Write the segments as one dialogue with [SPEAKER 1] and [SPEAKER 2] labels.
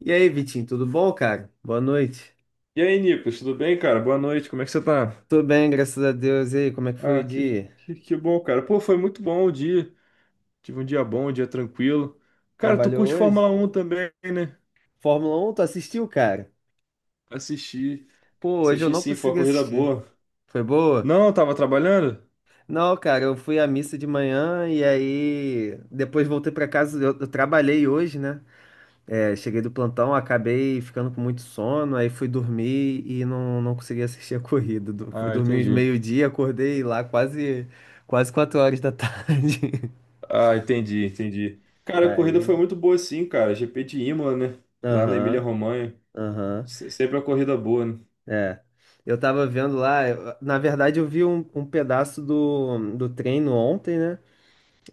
[SPEAKER 1] E aí, Vitinho, tudo bom, cara? Boa noite.
[SPEAKER 2] E aí, Nicolas, tudo bem, cara? Boa noite, como é que você tá?
[SPEAKER 1] Tudo bem, graças a Deus. E aí, como é que foi o
[SPEAKER 2] Ah, que,
[SPEAKER 1] dia?
[SPEAKER 2] que, que bom, cara. Pô, foi muito bom o dia. Tive um dia bom, um dia tranquilo. Cara, tu
[SPEAKER 1] Trabalhou
[SPEAKER 2] curte
[SPEAKER 1] hoje?
[SPEAKER 2] Fórmula Um também, né?
[SPEAKER 1] Fórmula 1, tu assistiu, cara?
[SPEAKER 2] Assisti,
[SPEAKER 1] Pô, hoje eu
[SPEAKER 2] assisti
[SPEAKER 1] não
[SPEAKER 2] sim, foi uma
[SPEAKER 1] consegui
[SPEAKER 2] corrida
[SPEAKER 1] assistir.
[SPEAKER 2] boa.
[SPEAKER 1] Foi boa?
[SPEAKER 2] Não, eu tava trabalhando?
[SPEAKER 1] Não, cara, eu fui à missa de manhã e aí depois voltei pra casa. Eu trabalhei hoje, né? É, cheguei do plantão, acabei ficando com muito sono, aí fui dormir e não consegui assistir a corrida. Fui
[SPEAKER 2] Ah,
[SPEAKER 1] dormir uns
[SPEAKER 2] entendi.
[SPEAKER 1] meio-dia, acordei lá quase, quase 4 horas da tarde.
[SPEAKER 2] Ah, entendi, entendi. Cara, a corrida foi
[SPEAKER 1] Aí.
[SPEAKER 2] muito boa sim, cara. GP de Imola, né? Lá na
[SPEAKER 1] Aham.
[SPEAKER 2] Emília-Romanha.
[SPEAKER 1] Aham,
[SPEAKER 2] Sempre uma corrida boa, né?
[SPEAKER 1] é. Eu tava vendo lá, na verdade eu vi um pedaço do treino ontem, né?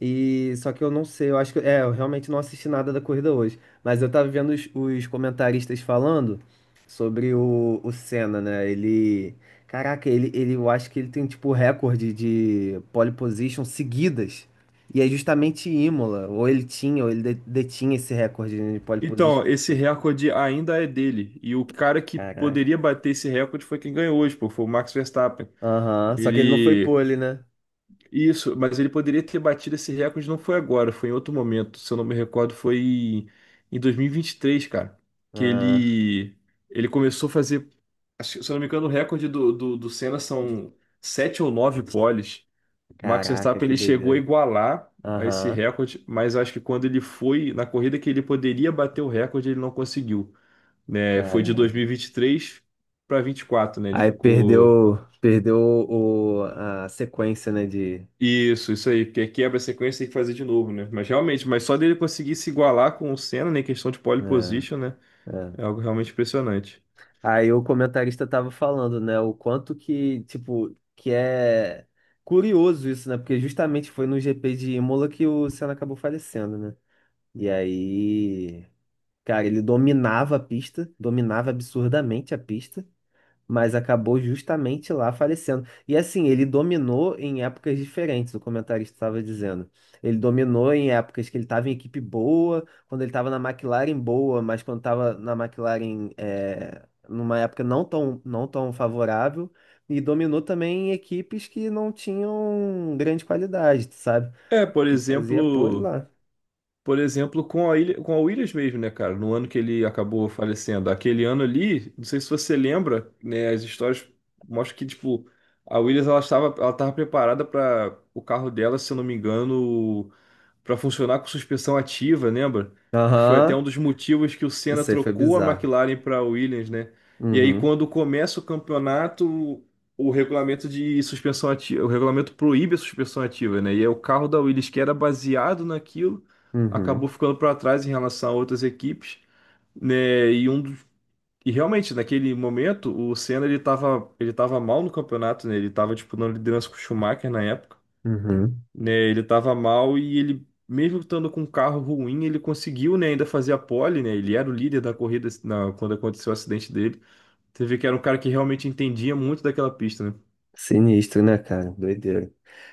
[SPEAKER 1] E só que eu não sei, eu acho que, é, eu realmente não assisti nada da corrida hoje, mas eu tava vendo os comentaristas falando sobre o Senna, né? Ele, caraca, eu acho que ele tem tipo recorde de pole position seguidas. E é justamente Imola, ou ele tinha, ou ele detinha esse recorde, né, de pole position
[SPEAKER 2] Então, esse
[SPEAKER 1] seguidas.
[SPEAKER 2] recorde ainda é dele. E o cara que
[SPEAKER 1] Caraca.
[SPEAKER 2] poderia bater esse recorde foi quem ganhou hoje, pô. Foi o Max Verstappen.
[SPEAKER 1] Aham. Só que ele não foi
[SPEAKER 2] Ele.
[SPEAKER 1] pole, né?
[SPEAKER 2] Isso, mas ele poderia ter batido esse recorde, não foi agora, foi em outro momento. Se eu não me recordo, foi em 2023, cara. Que
[SPEAKER 1] Ah,
[SPEAKER 2] ele. Ele começou a fazer. Acho que, se eu não me engano, o recorde do Senna são sete ou nove poles. Max
[SPEAKER 1] caraca,
[SPEAKER 2] Verstappen
[SPEAKER 1] que
[SPEAKER 2] ele chegou a
[SPEAKER 1] doideira.
[SPEAKER 2] igualar a esse
[SPEAKER 1] Aham,
[SPEAKER 2] recorde, mas acho que quando ele foi na corrida que ele poderia bater o recorde, ele não conseguiu. Né? Foi de dois
[SPEAKER 1] caraca.
[SPEAKER 2] mil e vinte e três para vinte e quatro, né? Ele
[SPEAKER 1] Aí
[SPEAKER 2] ficou.
[SPEAKER 1] perdeu, perdeu o, a sequência, né, de...
[SPEAKER 2] Isso aí, porque quebra a sequência e tem que fazer de novo, né? Mas realmente, mas só dele conseguir se igualar com o Senna, né, em questão de pole
[SPEAKER 1] É,
[SPEAKER 2] position, né?
[SPEAKER 1] é.
[SPEAKER 2] É algo realmente impressionante.
[SPEAKER 1] Aí o comentarista tava falando, né, o quanto que, tipo, que é curioso isso, né, porque justamente foi no GP de Imola que o Senna acabou falecendo, né. E aí, cara, ele dominava a pista, dominava absurdamente a pista, mas acabou justamente lá falecendo. E assim, ele dominou em épocas diferentes, o comentarista estava dizendo. Ele dominou em épocas que ele estava em equipe boa, quando ele estava na McLaren boa, mas quando estava na McLaren é, numa época não tão, não tão favorável. E dominou também em equipes que não tinham grande qualidade, sabe?
[SPEAKER 2] É, por
[SPEAKER 1] E fazia pole
[SPEAKER 2] exemplo,
[SPEAKER 1] lá.
[SPEAKER 2] com a Ilha, com a Williams mesmo, né, cara? No ano que ele acabou falecendo, aquele ano ali, não sei se você lembra, né, as histórias mostram que tipo a Williams ela estava preparada para o carro dela, se eu não me engano, para funcionar com suspensão ativa, lembra? Que foi até
[SPEAKER 1] Aham.
[SPEAKER 2] um dos motivos que o Senna
[SPEAKER 1] Isso aí foi
[SPEAKER 2] trocou a
[SPEAKER 1] bizarro.
[SPEAKER 2] McLaren para a Williams, né? E aí,
[SPEAKER 1] Uhum,
[SPEAKER 2] quando começa o campeonato, o regulamento de suspensão ativa, o regulamento proíbe a suspensão ativa, né? E aí, o carro da Williams, que era baseado naquilo, acabou
[SPEAKER 1] uhum,
[SPEAKER 2] ficando para trás em relação a outras equipes, né? E realmente, naquele momento, o Senna ele tava mal no campeonato, né? Ele estava disputando liderança com o Schumacher na época,
[SPEAKER 1] uhum.
[SPEAKER 2] né? Ele tava mal e ele, mesmo estando com um carro ruim, ele conseguiu, né, ainda fazer a pole, né? Ele era o líder da corrida quando aconteceu o acidente dele. Você vê que era um cara que realmente entendia muito daquela pista, né?
[SPEAKER 1] Sinistro, né, cara? Doideira.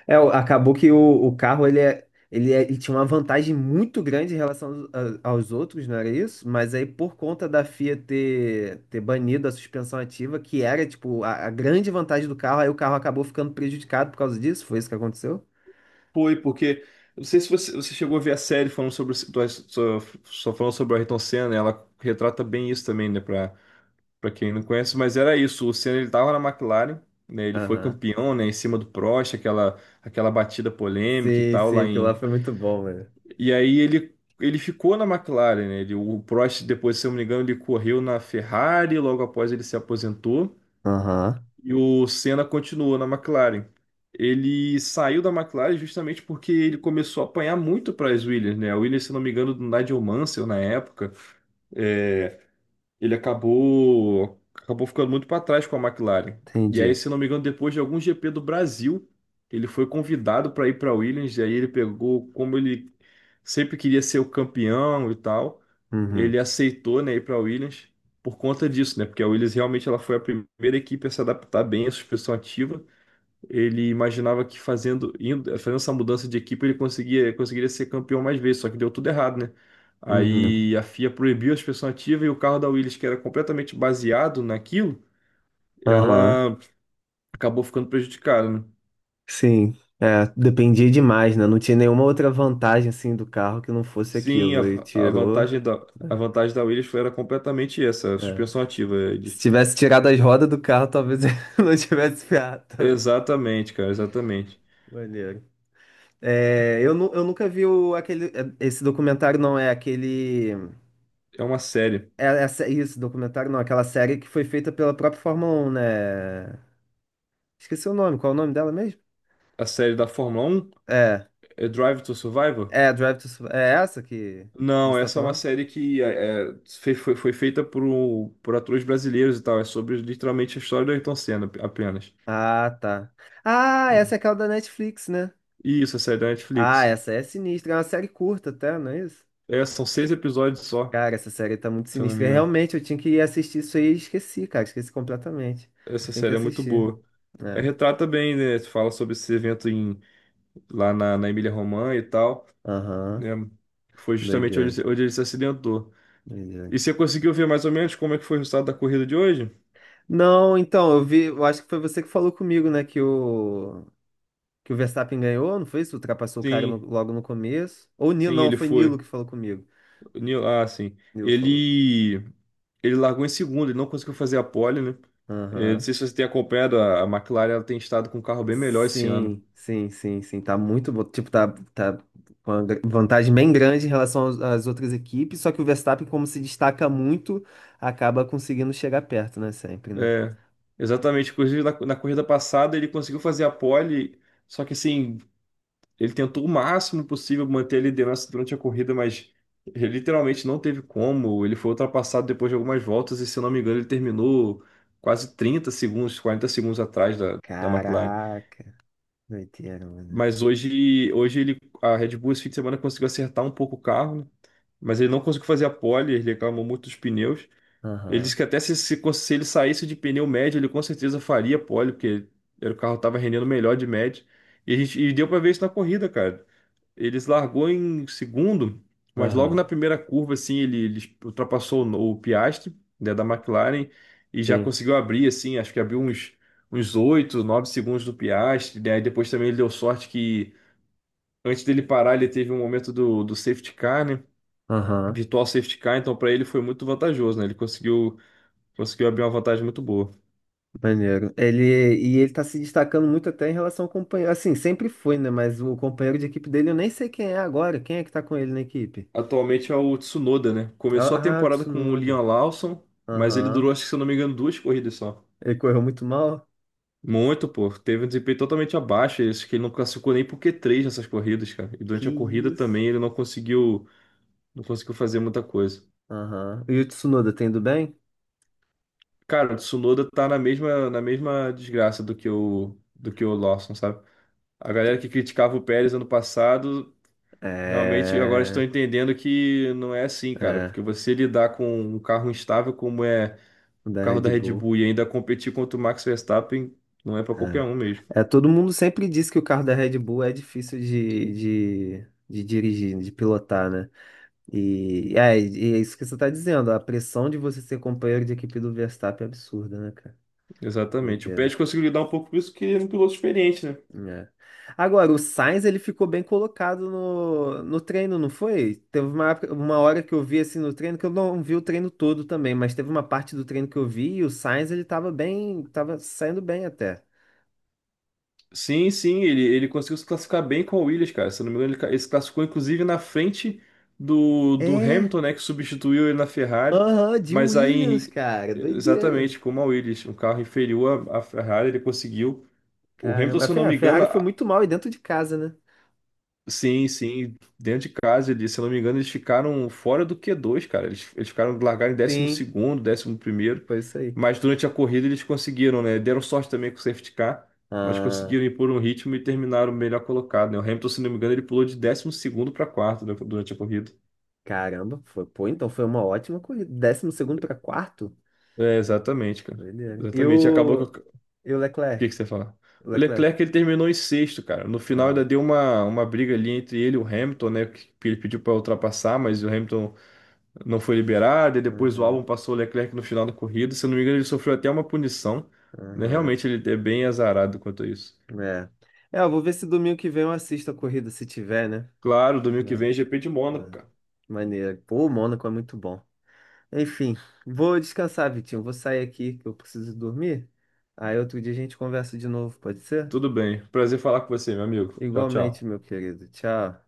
[SPEAKER 1] É, acabou que o carro ele ele tinha uma vantagem muito grande em relação aos outros, não era isso? Mas aí, por conta da FIA ter banido a suspensão ativa, que era, tipo, a grande vantagem do carro, aí o carro acabou ficando prejudicado por causa disso? Foi isso que aconteceu?
[SPEAKER 2] Foi, porque. Eu não sei se você chegou a ver a série falando sobre, só falando sobre o Ayrton Senna, né? Ela retrata bem isso também, né? Pra quem não conhece, mas era isso. O Senna ele tava na McLaren, né? Ele foi
[SPEAKER 1] Aham.
[SPEAKER 2] campeão, né? Em cima do Prost, aquela batida polêmica e
[SPEAKER 1] Sim,
[SPEAKER 2] tal,
[SPEAKER 1] sim,
[SPEAKER 2] lá
[SPEAKER 1] aquilo lá
[SPEAKER 2] em.
[SPEAKER 1] foi muito bom, mano.
[SPEAKER 2] E aí ele ficou na McLaren, né? Ele, o Prost, depois, se eu não me engano, ele correu na Ferrari, logo após ele se aposentou,
[SPEAKER 1] Aham,
[SPEAKER 2] e o Senna continuou na McLaren. Ele saiu da McLaren justamente porque ele começou a apanhar muito para as Williams, né? A Williams, se eu não me engano, do Nigel Mansell na época. É, ele acabou ficando muito para trás com a McLaren. E aí,
[SPEAKER 1] entendi.
[SPEAKER 2] se não me engano, depois de algum GP do Brasil, ele foi convidado para ir para Williams, e aí ele pegou, como ele sempre queria ser o campeão e tal, ele
[SPEAKER 1] Uhum,
[SPEAKER 2] aceitou, né, ir para Williams por conta disso, né? Porque a Williams realmente ela foi a primeira equipe a se adaptar bem à suspensão ativa. Ele imaginava que fazendo, fazendo essa mudança de equipe ele conseguia, conseguiria ser campeão mais vezes, só que deu tudo errado, né?
[SPEAKER 1] uhum,
[SPEAKER 2] Aí a FIA proibiu a suspensão ativa e o carro da Williams, que era completamente baseado naquilo,
[SPEAKER 1] aham.
[SPEAKER 2] ela acabou ficando prejudicada, né?
[SPEAKER 1] Sim, é, dependia demais, né? Não tinha nenhuma outra vantagem assim do carro que não fosse
[SPEAKER 2] Sim,
[SPEAKER 1] aquilo. E
[SPEAKER 2] a
[SPEAKER 1] tirou.
[SPEAKER 2] vantagem da, a
[SPEAKER 1] Né?
[SPEAKER 2] vantagem da Williams foi, era completamente essa, a
[SPEAKER 1] É.
[SPEAKER 2] suspensão ativa.
[SPEAKER 1] Se tivesse tirado as rodas do carro, talvez eu não tivesse ferrado tanto.
[SPEAKER 2] Exatamente, cara, exatamente.
[SPEAKER 1] Maneiro. É, eu, eu nunca vi o, aquele. É, esse documentário não é aquele.
[SPEAKER 2] É uma série.
[SPEAKER 1] É, essa, isso, documentário não, aquela série que foi feita pela própria Fórmula 1, né? Esqueci o nome, qual é o nome dela mesmo?
[SPEAKER 2] A série da Fórmula Um
[SPEAKER 1] É,
[SPEAKER 2] é Drive to Survive.
[SPEAKER 1] é Drive to Survive. É essa que você
[SPEAKER 2] Não,
[SPEAKER 1] tá
[SPEAKER 2] essa é uma
[SPEAKER 1] falando?
[SPEAKER 2] série que foi feita por, por atores brasileiros e tal. É sobre literalmente a história do Ayrton Senna apenas.
[SPEAKER 1] Ah, tá. Ah, essa é aquela da Netflix, né?
[SPEAKER 2] E isso, a série da
[SPEAKER 1] Ah,
[SPEAKER 2] Netflix.
[SPEAKER 1] essa é sinistra. É uma série curta até, não é isso?
[SPEAKER 2] É, são seis episódios só,
[SPEAKER 1] Cara, essa série tá muito
[SPEAKER 2] se eu não
[SPEAKER 1] sinistra.
[SPEAKER 2] me
[SPEAKER 1] É,
[SPEAKER 2] engano.
[SPEAKER 1] realmente, eu tinha que assistir isso aí e esqueci, cara. Esqueci completamente.
[SPEAKER 2] Essa
[SPEAKER 1] Tem que
[SPEAKER 2] série é muito
[SPEAKER 1] assistir.
[SPEAKER 2] boa. É,
[SPEAKER 1] É.
[SPEAKER 2] retrata bem, né? Fala sobre esse evento em, lá na Emília-Romagna e tal,
[SPEAKER 1] Aham.
[SPEAKER 2] né? Foi justamente
[SPEAKER 1] Doideira.
[SPEAKER 2] onde, onde ele se acidentou.
[SPEAKER 1] Doideira.
[SPEAKER 2] E você conseguiu ver mais ou menos como é que foi o resultado da corrida de hoje?
[SPEAKER 1] Não, então, eu vi. Eu acho que foi você que falou comigo, né? Que o. Que o Verstappen ganhou, não foi isso? Ultrapassou o cara
[SPEAKER 2] Sim,
[SPEAKER 1] logo no começo. Ou o Nilo,
[SPEAKER 2] sim,
[SPEAKER 1] não,
[SPEAKER 2] ele
[SPEAKER 1] foi Nilo
[SPEAKER 2] foi.
[SPEAKER 1] que falou comigo.
[SPEAKER 2] Ah, sim.
[SPEAKER 1] Nilo falou.
[SPEAKER 2] Ele. Ele largou em segundo, ele não conseguiu fazer a pole, né? Não
[SPEAKER 1] Aham.
[SPEAKER 2] sei se você tem acompanhado, a McLaren ela tem estado com um carro bem melhor esse ano.
[SPEAKER 1] Sim, sim, sim, sim. Tá muito bom. Tipo, tá, tá com uma vantagem bem grande em relação às outras equipes. Só que o Verstappen, como se destaca muito, acaba conseguindo chegar perto, né? Sempre, né?
[SPEAKER 2] É, exatamente. Inclusive, na corrida passada, ele conseguiu fazer a pole, só que assim, ele tentou o máximo possível manter a liderança durante a corrida, mas ele literalmente não teve como. Ele foi ultrapassado depois de algumas voltas, e se eu não me engano, ele terminou quase 30 segundos, 40 segundos atrás da McLaren.
[SPEAKER 1] Caraca, doideira, mano.
[SPEAKER 2] Mas hoje ele, a Red Bull esse fim de semana conseguiu acertar um pouco o carro, né? Mas ele não conseguiu fazer a pole, ele reclamou muito dos pneus. Ele disse
[SPEAKER 1] Aham,
[SPEAKER 2] que até se ele saísse de pneu médio, ele com certeza faria pole, porque era, o carro estava rendendo melhor de médio. E, a gente, e deu para ver isso na corrida, cara. Ele largou em segundo, mas logo
[SPEAKER 1] aham.
[SPEAKER 2] na primeira curva, assim, ele ultrapassou o Piastri, né, da McLaren, e já
[SPEAKER 1] Sim,
[SPEAKER 2] conseguiu abrir, assim, acho que abriu uns 8 9 segundos do Piastri, né? Aí depois também ele deu sorte que antes dele parar, ele teve um momento do safety car, né?
[SPEAKER 1] aham.
[SPEAKER 2] Virtual safety car, então para ele foi muito vantajoso, né? Ele conseguiu abrir uma vantagem muito boa.
[SPEAKER 1] Maneiro. Ele, e ele tá se destacando muito até em relação ao companheiro. Assim, sempre foi, né? Mas o companheiro de equipe dele, eu nem sei quem é agora. Quem é que tá com ele na equipe?
[SPEAKER 2] Atualmente é o Tsunoda, né?
[SPEAKER 1] Ah,
[SPEAKER 2] Começou a
[SPEAKER 1] ah, o
[SPEAKER 2] temporada com o Liam
[SPEAKER 1] Tsunoda.
[SPEAKER 2] Lawson, mas ele
[SPEAKER 1] Aham.
[SPEAKER 2] durou, acho que se eu não me engano, duas corridas só.
[SPEAKER 1] Ele correu muito mal?
[SPEAKER 2] Muito, pô. Teve um desempenho totalmente abaixo. Acho que ele não classificou nem pro Q3 nessas corridas, cara. E
[SPEAKER 1] Que
[SPEAKER 2] durante a corrida
[SPEAKER 1] isso?
[SPEAKER 2] também ele não conseguiu fazer muita coisa.
[SPEAKER 1] Aham. E o Tsunoda tá indo bem?
[SPEAKER 2] Cara, o Tsunoda tá na mesma desgraça do que o Lawson, sabe? A galera que criticava o Pérez ano passado. Realmente, eu agora estou
[SPEAKER 1] É.
[SPEAKER 2] entendendo que não é assim, cara,
[SPEAKER 1] É.
[SPEAKER 2] porque você lidar com um carro instável como é
[SPEAKER 1] O
[SPEAKER 2] o
[SPEAKER 1] da
[SPEAKER 2] carro da
[SPEAKER 1] Red
[SPEAKER 2] Red
[SPEAKER 1] Bull.
[SPEAKER 2] Bull e ainda competir contra o Max Verstappen não é para qualquer um mesmo.
[SPEAKER 1] É. É, todo mundo sempre diz que o carro da Red Bull é difícil de dirigir, de pilotar, né? E é isso que você tá dizendo. A pressão de você ser companheiro de equipe do Verstappen é absurda, né, cara?
[SPEAKER 2] Exatamente. O
[SPEAKER 1] Doideira.
[SPEAKER 2] Pérez conseguiu lidar um pouco com isso, que ele é um piloto experiente, né?
[SPEAKER 1] É. Agora, o Sainz ele ficou bem colocado no treino, não foi? Teve uma, uma hora que eu vi assim no treino, que eu não vi o treino todo também, mas teve uma parte do treino que eu vi e o Sainz ele tava bem, tava saindo bem até.
[SPEAKER 2] Sim, sim, ele conseguiu se classificar bem com a Williams, cara. Se eu não me engano, ele se classificou inclusive na frente do
[SPEAKER 1] É,
[SPEAKER 2] Hamilton, né, que substituiu ele na Ferrari,
[SPEAKER 1] aham, de
[SPEAKER 2] mas
[SPEAKER 1] Williams,
[SPEAKER 2] aí,
[SPEAKER 1] cara, doideira.
[SPEAKER 2] exatamente como a Williams, um carro inferior à Ferrari, ele conseguiu. O Hamilton,
[SPEAKER 1] Caramba, a
[SPEAKER 2] se eu não
[SPEAKER 1] A
[SPEAKER 2] me engano.
[SPEAKER 1] Ferrari foi muito mal e dentro de casa, né?
[SPEAKER 2] Sim, sim, dentro de casa ali, se eu não me engano, eles ficaram fora do Q2, cara. Eles ficaram, largaram em décimo
[SPEAKER 1] Sim,
[SPEAKER 2] segundo 11º.
[SPEAKER 1] foi isso aí.
[SPEAKER 2] Mas durante a corrida eles conseguiram, né? Deram sorte também com o safety car, mas conseguiram
[SPEAKER 1] Ah,
[SPEAKER 2] impor um ritmo e terminaram melhor colocado, né? O Hamilton, se não me engano, ele pulou de 12º para quarto, né, durante a corrida.
[SPEAKER 1] caramba, foi, pô, então foi uma ótima corrida. 12º para quarto,
[SPEAKER 2] É, exatamente, cara.
[SPEAKER 1] doideira.
[SPEAKER 2] Exatamente. E acabou que.
[SPEAKER 1] E o
[SPEAKER 2] O que
[SPEAKER 1] Leclerc?
[SPEAKER 2] que você ia falar?
[SPEAKER 1] O
[SPEAKER 2] O
[SPEAKER 1] Leclerc.
[SPEAKER 2] Leclerc ele terminou em sexto, cara. No final
[SPEAKER 1] Ah.
[SPEAKER 2] ainda deu uma briga ali entre ele e o Hamilton, né? Que ele pediu para ultrapassar, mas o Hamilton não foi liberado, e depois o álbum
[SPEAKER 1] Uhum,
[SPEAKER 2] passou o Leclerc no final da corrida. Se eu não me engano, ele sofreu até uma punição, né?
[SPEAKER 1] uhum.
[SPEAKER 2] Realmente ele é bem azarado quanto a isso.
[SPEAKER 1] É. É, eu vou ver se domingo que vem eu assisto a corrida, se tiver, né?
[SPEAKER 2] Claro, domingo que vem é
[SPEAKER 1] É,
[SPEAKER 2] GP de Mônaco,
[SPEAKER 1] é.
[SPEAKER 2] cara.
[SPEAKER 1] Maneiro. Pô, o Mônaco é muito bom. Enfim, vou descansar, Vitinho. Vou sair aqui que eu preciso dormir. Aí outro dia a gente conversa de novo, pode ser?
[SPEAKER 2] Tudo bem. Prazer falar com você, meu amigo. Tchau,
[SPEAKER 1] Igualmente,
[SPEAKER 2] tchau.
[SPEAKER 1] meu querido. Tchau.